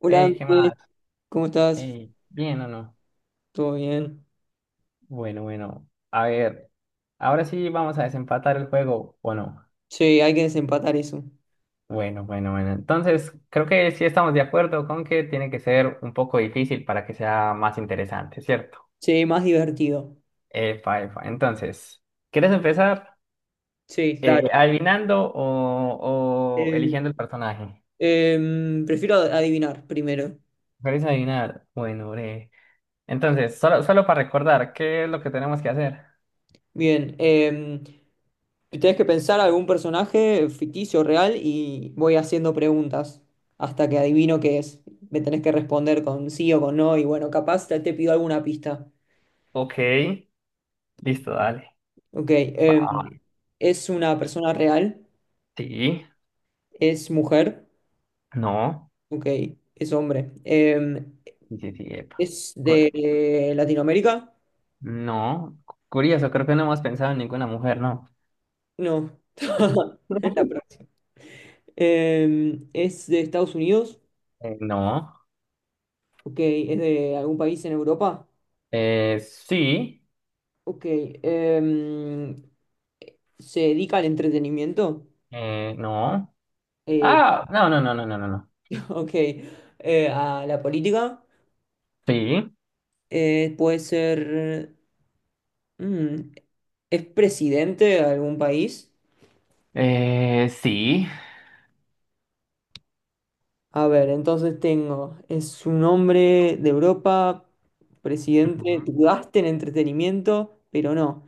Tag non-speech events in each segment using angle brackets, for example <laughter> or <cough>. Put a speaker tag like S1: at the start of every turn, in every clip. S1: Hola,
S2: Ey, ¿qué
S1: Andrés,
S2: más?
S1: ¿cómo estás?
S2: Ey, ¿bien o no?
S1: ¿Todo bien?
S2: Bueno, bueno, a ver, ahora sí vamos a desempatar el juego, ¿o no?
S1: Sí, hay que desempatar eso.
S2: Bueno, bueno, bueno. Entonces, creo que sí estamos de acuerdo con que tiene que ser un poco difícil para que sea más interesante, ¿cierto?
S1: Sí, más divertido.
S2: Epa, epa. Entonces, ¿quieres empezar
S1: Sí, dale.
S2: adivinando o
S1: Eh,
S2: eligiendo el personaje?
S1: Prefiero adivinar primero.
S2: ¿Quieres adivinar? Bueno, breve. Entonces, solo para recordar, ¿qué es lo que tenemos que hacer?
S1: Bien, tenés que pensar algún personaje ficticio, real, y voy haciendo preguntas hasta que adivino qué es. Me tenés que responder con sí o con no, y bueno, capaz te pido alguna pista.
S2: Ok, listo, dale.
S1: Ok,
S2: Va,
S1: ¿es una persona real?
S2: sí.
S1: ¿Es mujer?
S2: No,
S1: Ok, es hombre.
S2: sí, sí, sí, epa.
S1: ¿Es
S2: Cu-
S1: de Latinoamérica?
S2: No, curioso, creo que no hemos pensado en ninguna mujer, ¿no?
S1: No. <laughs> Es la
S2: <laughs>
S1: próxima. ¿Es de Estados Unidos?
S2: No,
S1: Ok. ¿Es de algún país en Europa?
S2: sí,
S1: Ok. Em, ¿Se dedica al entretenimiento?
S2: no.
S1: Eh,
S2: Ah, no, no, no, no, no, no, no.
S1: <laughs> ok. ¿A la política?
S2: Sí,
S1: ¿Puede ser... mm, ¿es presidente de algún país?
S2: sí.
S1: A ver, entonces tengo, es un hombre de Europa, presidente,
S2: Ujú.
S1: dudaste en entretenimiento, pero no.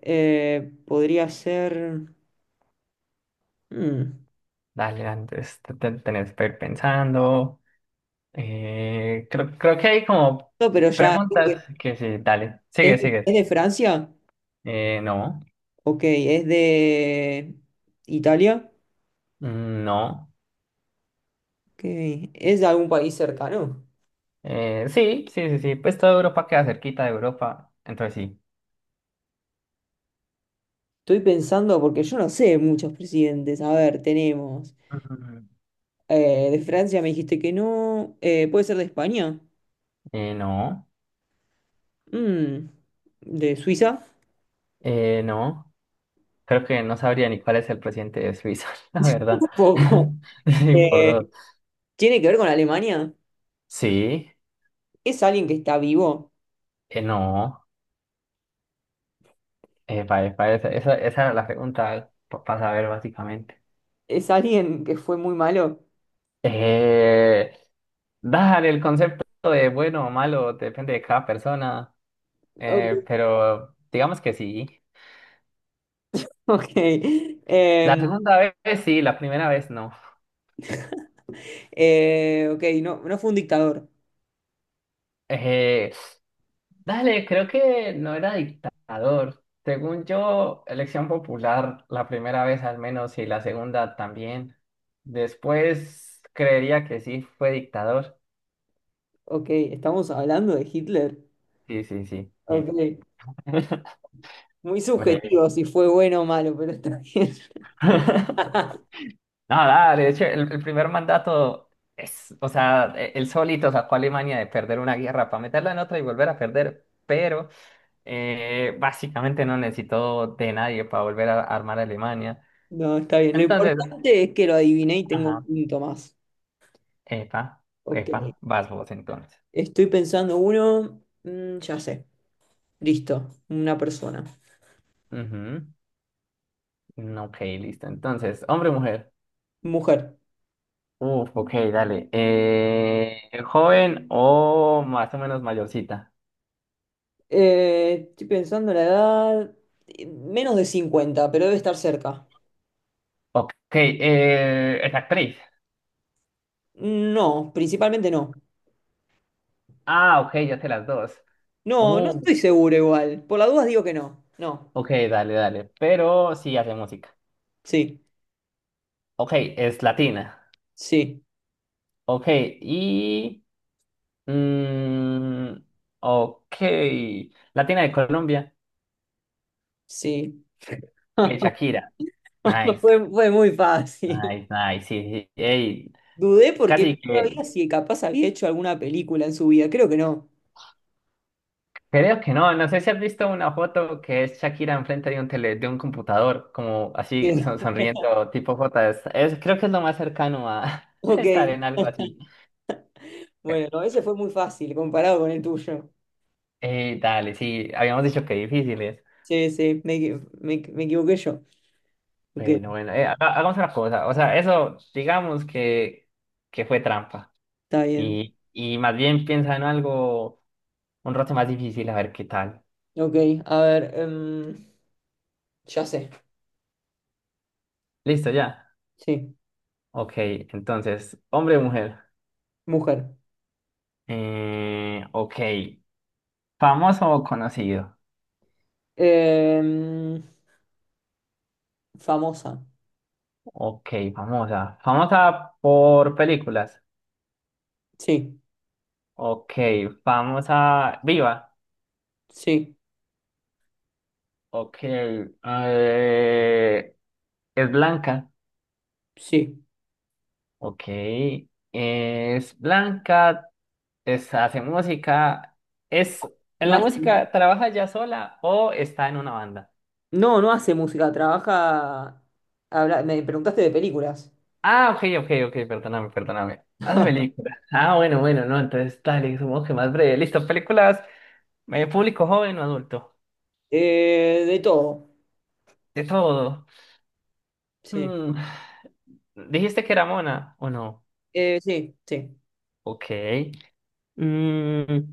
S1: Podría ser... mm,
S2: Dale, antes tenés que ir pensando. Creo que hay como
S1: no, pero ya...
S2: preguntas que sí, dale,
S1: ¿Es,
S2: sigue,
S1: ¿es
S2: sigue.
S1: de Francia?
S2: No,
S1: Ok, ¿es de Italia?
S2: no.
S1: Ok, ¿es de algún país cercano?
S2: Sí, sí, sí, sí, pues toda Europa queda cerquita de Europa, entonces sí.
S1: Estoy pensando, porque yo no sé muchos presidentes. A ver, tenemos...
S2: <laughs> Mm,
S1: de Francia me dijiste que no. ¿Puede ser de España?
S2: no,
S1: Mm, ¿de Suiza?
S2: no. Creo que no sabría ni cuál es el presidente de Suiza, <laughs> la
S1: <laughs>
S2: verdad.
S1: Un poco.
S2: <laughs> Sí, por
S1: Eh,
S2: dos.
S1: ¿Tiene que ver con Alemania?
S2: Sí,
S1: ¿Es alguien que está vivo?
S2: no. Esa, esa, esa era la pregunta para saber básicamente.
S1: ¿Es alguien que fue muy malo?
S2: Eh, dale, el concepto de bueno o malo depende de cada persona,
S1: Ok.
S2: pero digamos que sí.
S1: <laughs> ok.
S2: La segunda vez sí, la primera vez no.
S1: Ok, no, no fue un dictador.
S2: Eh, Dale, creo que no era dictador. Según yo, elección popular la primera vez al menos y la segunda también. Después creería que sí fue dictador.
S1: Ok, estamos hablando de Hitler.
S2: Sí, sí, sí. Bien.
S1: Ok,
S2: <laughs>
S1: muy
S2: Breve.
S1: subjetivo si fue bueno o malo, pero está bien.
S2: <laughs>
S1: <laughs>
S2: No, dale, de hecho, el primer mandato es, o sea, él solito sacó a Alemania de perder una guerra para meterla en otra y volver a perder, pero básicamente no necesitó de nadie para volver a armar a Alemania.
S1: No, está bien. Lo
S2: Entonces,
S1: importante es que lo adiviné y tengo un
S2: ajá,
S1: punto más.
S2: epa,
S1: Ok,
S2: epa, vas vos entonces.
S1: estoy pensando uno. Ya sé. Listo, una persona.
S2: Ujú. Mm, ok, listo. Entonces, hombre o mujer.
S1: Mujer.
S2: Uf, ok, dale. ¿Joven o más o menos mayorcita?
S1: Estoy pensando en la edad. Menos de 50 pero debe estar cerca.
S2: Ok, es actriz.
S1: No, principalmente no.
S2: Ah, ok, ya sé las dos.
S1: No, no
S2: Uh,
S1: estoy seguro igual. Por las dudas digo que no. No.
S2: ok, dale, dale. Pero sí hace música.
S1: Sí,
S2: Ok, es latina.
S1: sí,
S2: Ok, y... mm, ok, Latina de Colombia.
S1: sí.
S2: Ok,
S1: <laughs>
S2: Shakira. Nice,
S1: Fue muy fácil.
S2: nice, nice. Sí, sí. Ey,
S1: Dudé porque no
S2: casi
S1: sabía
S2: que,
S1: si capaz había hecho alguna película en su vida. Creo que no.
S2: creo que no, no sé si has visto una foto que es Shakira enfrente de un tele, de un computador, como así
S1: Sí. <laughs>
S2: sonriendo, tipo J, creo que es lo más cercano a <laughs> estar
S1: Ok.
S2: en algo así.
S1: Bueno, no, ese fue muy fácil comparado con el tuyo.
S2: Dale, sí, habíamos dicho que difíciles.
S1: Sí, sí, me equivoqué yo. Ok,
S2: Bueno, bueno, hagamos una cosa, o sea, eso digamos que fue trampa
S1: está bien.
S2: y más bien piensa en algo un rato más difícil, a ver qué tal.
S1: Ok, a ver, ya sé,
S2: Listo, ya.
S1: sí,
S2: Ok, entonces, hombre o mujer.
S1: mujer.
S2: Ok. ¿Famoso o conocido?
S1: Em, famosa,
S2: Ok, famosa. Famosa por películas.
S1: sí,
S2: Ok, famosa viva.
S1: sí,
S2: Ok, es blanca.
S1: sí.
S2: Ok, es blanca, es, hace música. ¿Es en
S1: No
S2: la
S1: hace,
S2: música trabaja ya sola o está en una banda?
S1: no, no hace música, trabaja... me preguntaste de películas.
S2: Ah, ok, ok, ok, perdóname, perdóname. Hace películas. Ah, bueno, bueno, no, entonces dale, supongo que más breve. Listo, películas, público joven o adulto.
S1: De todo,
S2: De todo.
S1: sí.
S2: Mm, ¿dijiste que era Mona o no?
S1: Sí, sí.
S2: Ok. Mm,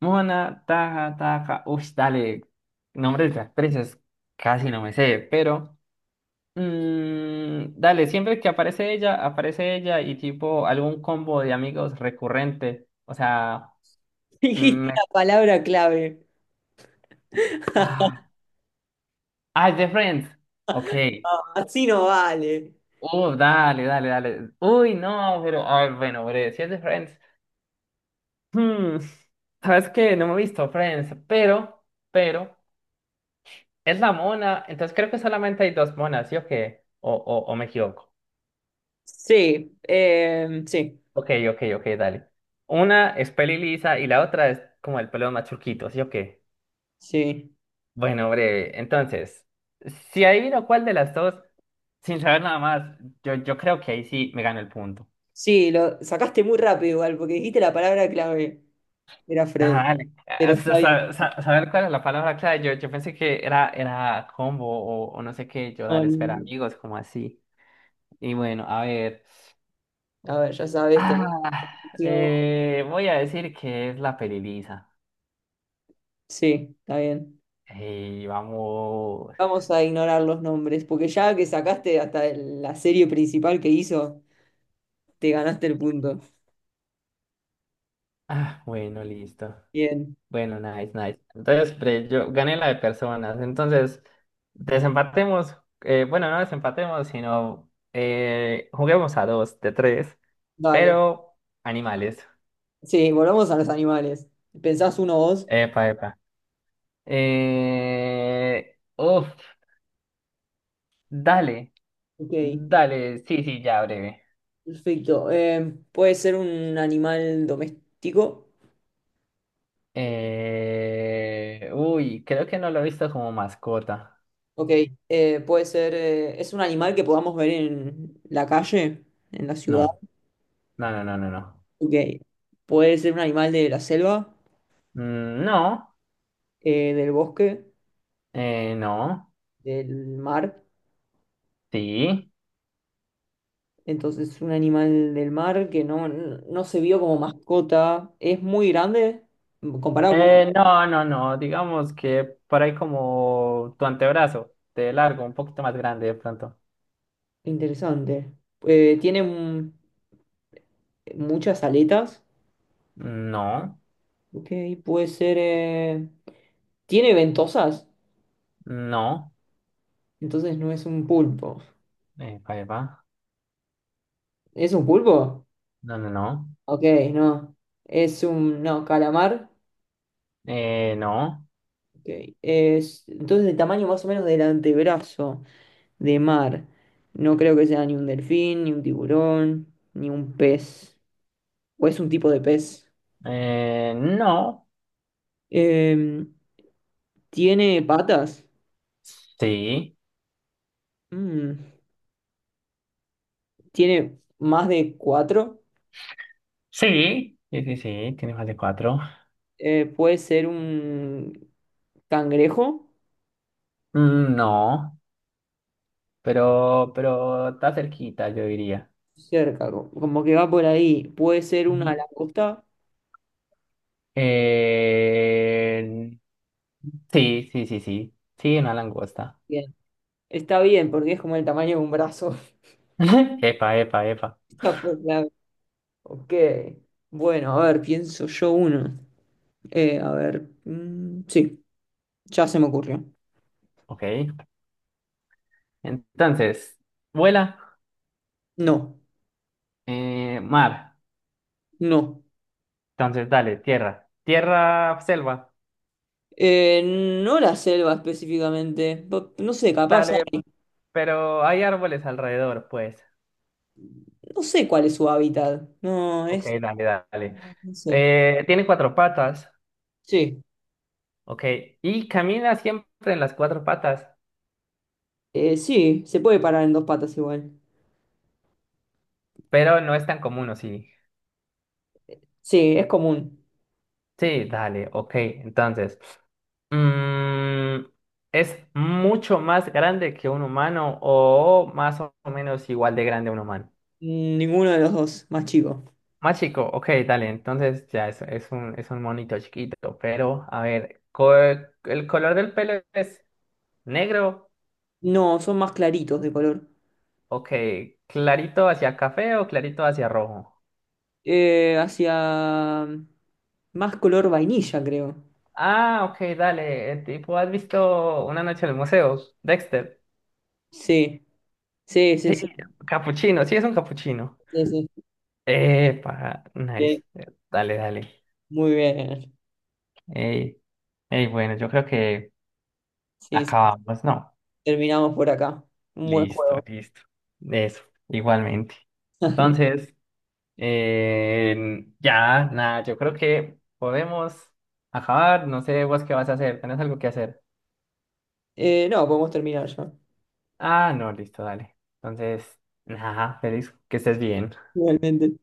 S2: Mona, Taja, Taja. Uy, dale. Nombres de las presas casi no me sé, pero. Mm, dale, siempre que aparece ella y tipo algún combo de amigos recurrente. O sea.
S1: <laughs> Dijiste
S2: me-
S1: la palabra clave. <laughs>
S2: Ah, ah, The Friends. Ok.
S1: Así no vale.
S2: Dale, dale, dale. Uy, no, pero. Ay, bueno, breve. Si es The Friends. Hmm, sabes que no me he visto Friends, pero, es la mona, entonces creo que solamente hay dos monas, ¿sí o qué? O me equivoco.
S1: Sí, sí,
S2: Ok, ok, ok, dale. Una es peli lisa y la otra es como el pelo más churquito, ¿sí o qué?
S1: sí.
S2: Bueno, breve, entonces, si adivino cuál de las dos, sin saber nada más, yo creo que ahí sí me gano el punto.
S1: Sí, lo sacaste muy rápido igual, porque dijiste la palabra clave. Era Fred.
S2: Nada, dale.
S1: Pero está bien.
S2: Saber cuál es la palabra clave, yo pensé que era combo o no sé qué, yo dale, espera,
S1: Um,
S2: amigos, como así. Y bueno, a ver.
S1: a ver, ya sabes, tenés
S2: Ah,
S1: información.
S2: voy a decir que es la peli lisa.
S1: Sí, está bien.
S2: Y vamos.
S1: Vamos a ignorar los nombres, porque ya que sacaste hasta la serie principal que hizo, te ganaste el punto.
S2: Ah, bueno, listo.
S1: Bien,
S2: Bueno, nice, nice. Entonces, yo gané la de personas. Entonces, desempatemos. Bueno, no desempatemos, sino juguemos a dos de tres,
S1: vale.
S2: pero animales.
S1: Sí, volvamos a los animales. ¿Pensás uno vos?
S2: Epa, epa. Uf, dale,
S1: Ok,
S2: dale. Sí, sí, ya breve.
S1: perfecto. ¿Puede ser un animal doméstico?
S2: Uy, creo que no lo he visto como mascota.
S1: Ok, puede ser, es un animal que podamos ver en la calle, en la ciudad.
S2: No, no, no, no, no, no.
S1: Ok, puede ser un animal de la selva,
S2: Mm, no,
S1: del bosque,
S2: no,
S1: del mar.
S2: sí.
S1: Entonces, un animal del mar que no se vio como mascota. Es muy grande comparado con... una.
S2: No, no, no, digamos que por ahí como tu antebrazo, de largo, un poquito más grande de pronto.
S1: Interesante. Tiene muchas aletas.
S2: No,
S1: Ok, puede ser... tiene ventosas.
S2: no,
S1: Entonces no es un pulpo.
S2: pa' ahí va.
S1: ¿Es un pulpo?
S2: No, no, no.
S1: Ok, no. Es un. No, calamar.
S2: No,
S1: Ok, es, entonces, el tamaño más o menos del antebrazo de mar. No creo que sea ni un delfín, ni un tiburón, ni un pez. O es un tipo de pez.
S2: no,
S1: Em, ¿Tiene patas?
S2: sí,
S1: Mm, ¿tiene más de cuatro?
S2: sí, sí, sí, sí, tiene más de cuatro.
S1: ¿Puede ser un cangrejo?
S2: Mm, no. Pero está cerquita, yo diría.
S1: Cerca, como que va por ahí. ¿Puede ser una
S2: Ujú.
S1: langosta?
S2: Eh, sí, sí, sí, sí. Sí, una langosta.
S1: Bien. Está bien, porque es como el tamaño de un brazo.
S2: <laughs> Epa, epa, epa.
S1: <laughs> Ya fue clave. Ok. Bueno, a ver, pienso yo uno. A ver. Sí, ya se me ocurrió.
S2: Ok. Entonces, vuela,
S1: No,
S2: mar.
S1: no.
S2: Entonces, dale, tierra. Tierra, selva.
S1: Eh, no la selva específicamente. No sé, capaz
S2: Dale, pero hay árboles alrededor, pues.
S1: no sé cuál es su hábitat. No,
S2: Ok,
S1: es.
S2: dale, dale.
S1: No, no sé.
S2: Tiene cuatro patas.
S1: Sí.
S2: Ok. Y camina siempre en las cuatro patas,
S1: Sí, se puede parar en dos patas igual.
S2: pero no es tan común, ¿o sí?
S1: Sí, es común.
S2: Sí, dale, ok. Entonces, mm, ¿es mucho más grande que un humano o más o menos igual de grande a un humano?
S1: Ninguno de los dos, más chico.
S2: Más chico, ok, dale. Entonces ya es un monito chiquito, pero a ver, ¿el color del pelo es negro?
S1: No, son más claritos de color.
S2: Ok, ¿clarito hacia café o clarito hacia rojo?
S1: Hacia más color vainilla, creo.
S2: Ah, ok, dale. El tipo, ¿has visto Una noche en el museo? Dexter.
S1: Sí, sí, sí,
S2: Sí,
S1: sí,
S2: capuchino, sí es un capuchino.
S1: sí, sí.
S2: Epa,
S1: Bien,
S2: nice. Dale, dale.
S1: muy bien.
S2: Ey, ey, bueno, yo creo que
S1: Sí, sí.
S2: acabamos, ¿no?
S1: Terminamos por acá. Un buen
S2: Listo,
S1: juego.
S2: listo. Eso, igualmente.
S1: <laughs>
S2: Entonces, ya, nada, yo creo que podemos acabar. No sé vos qué vas a hacer. ¿Tenés algo que hacer?
S1: No, podemos terminar ya.
S2: Ah, no, listo, dale. Entonces, nada, feliz, que estés bien.
S1: Realmente.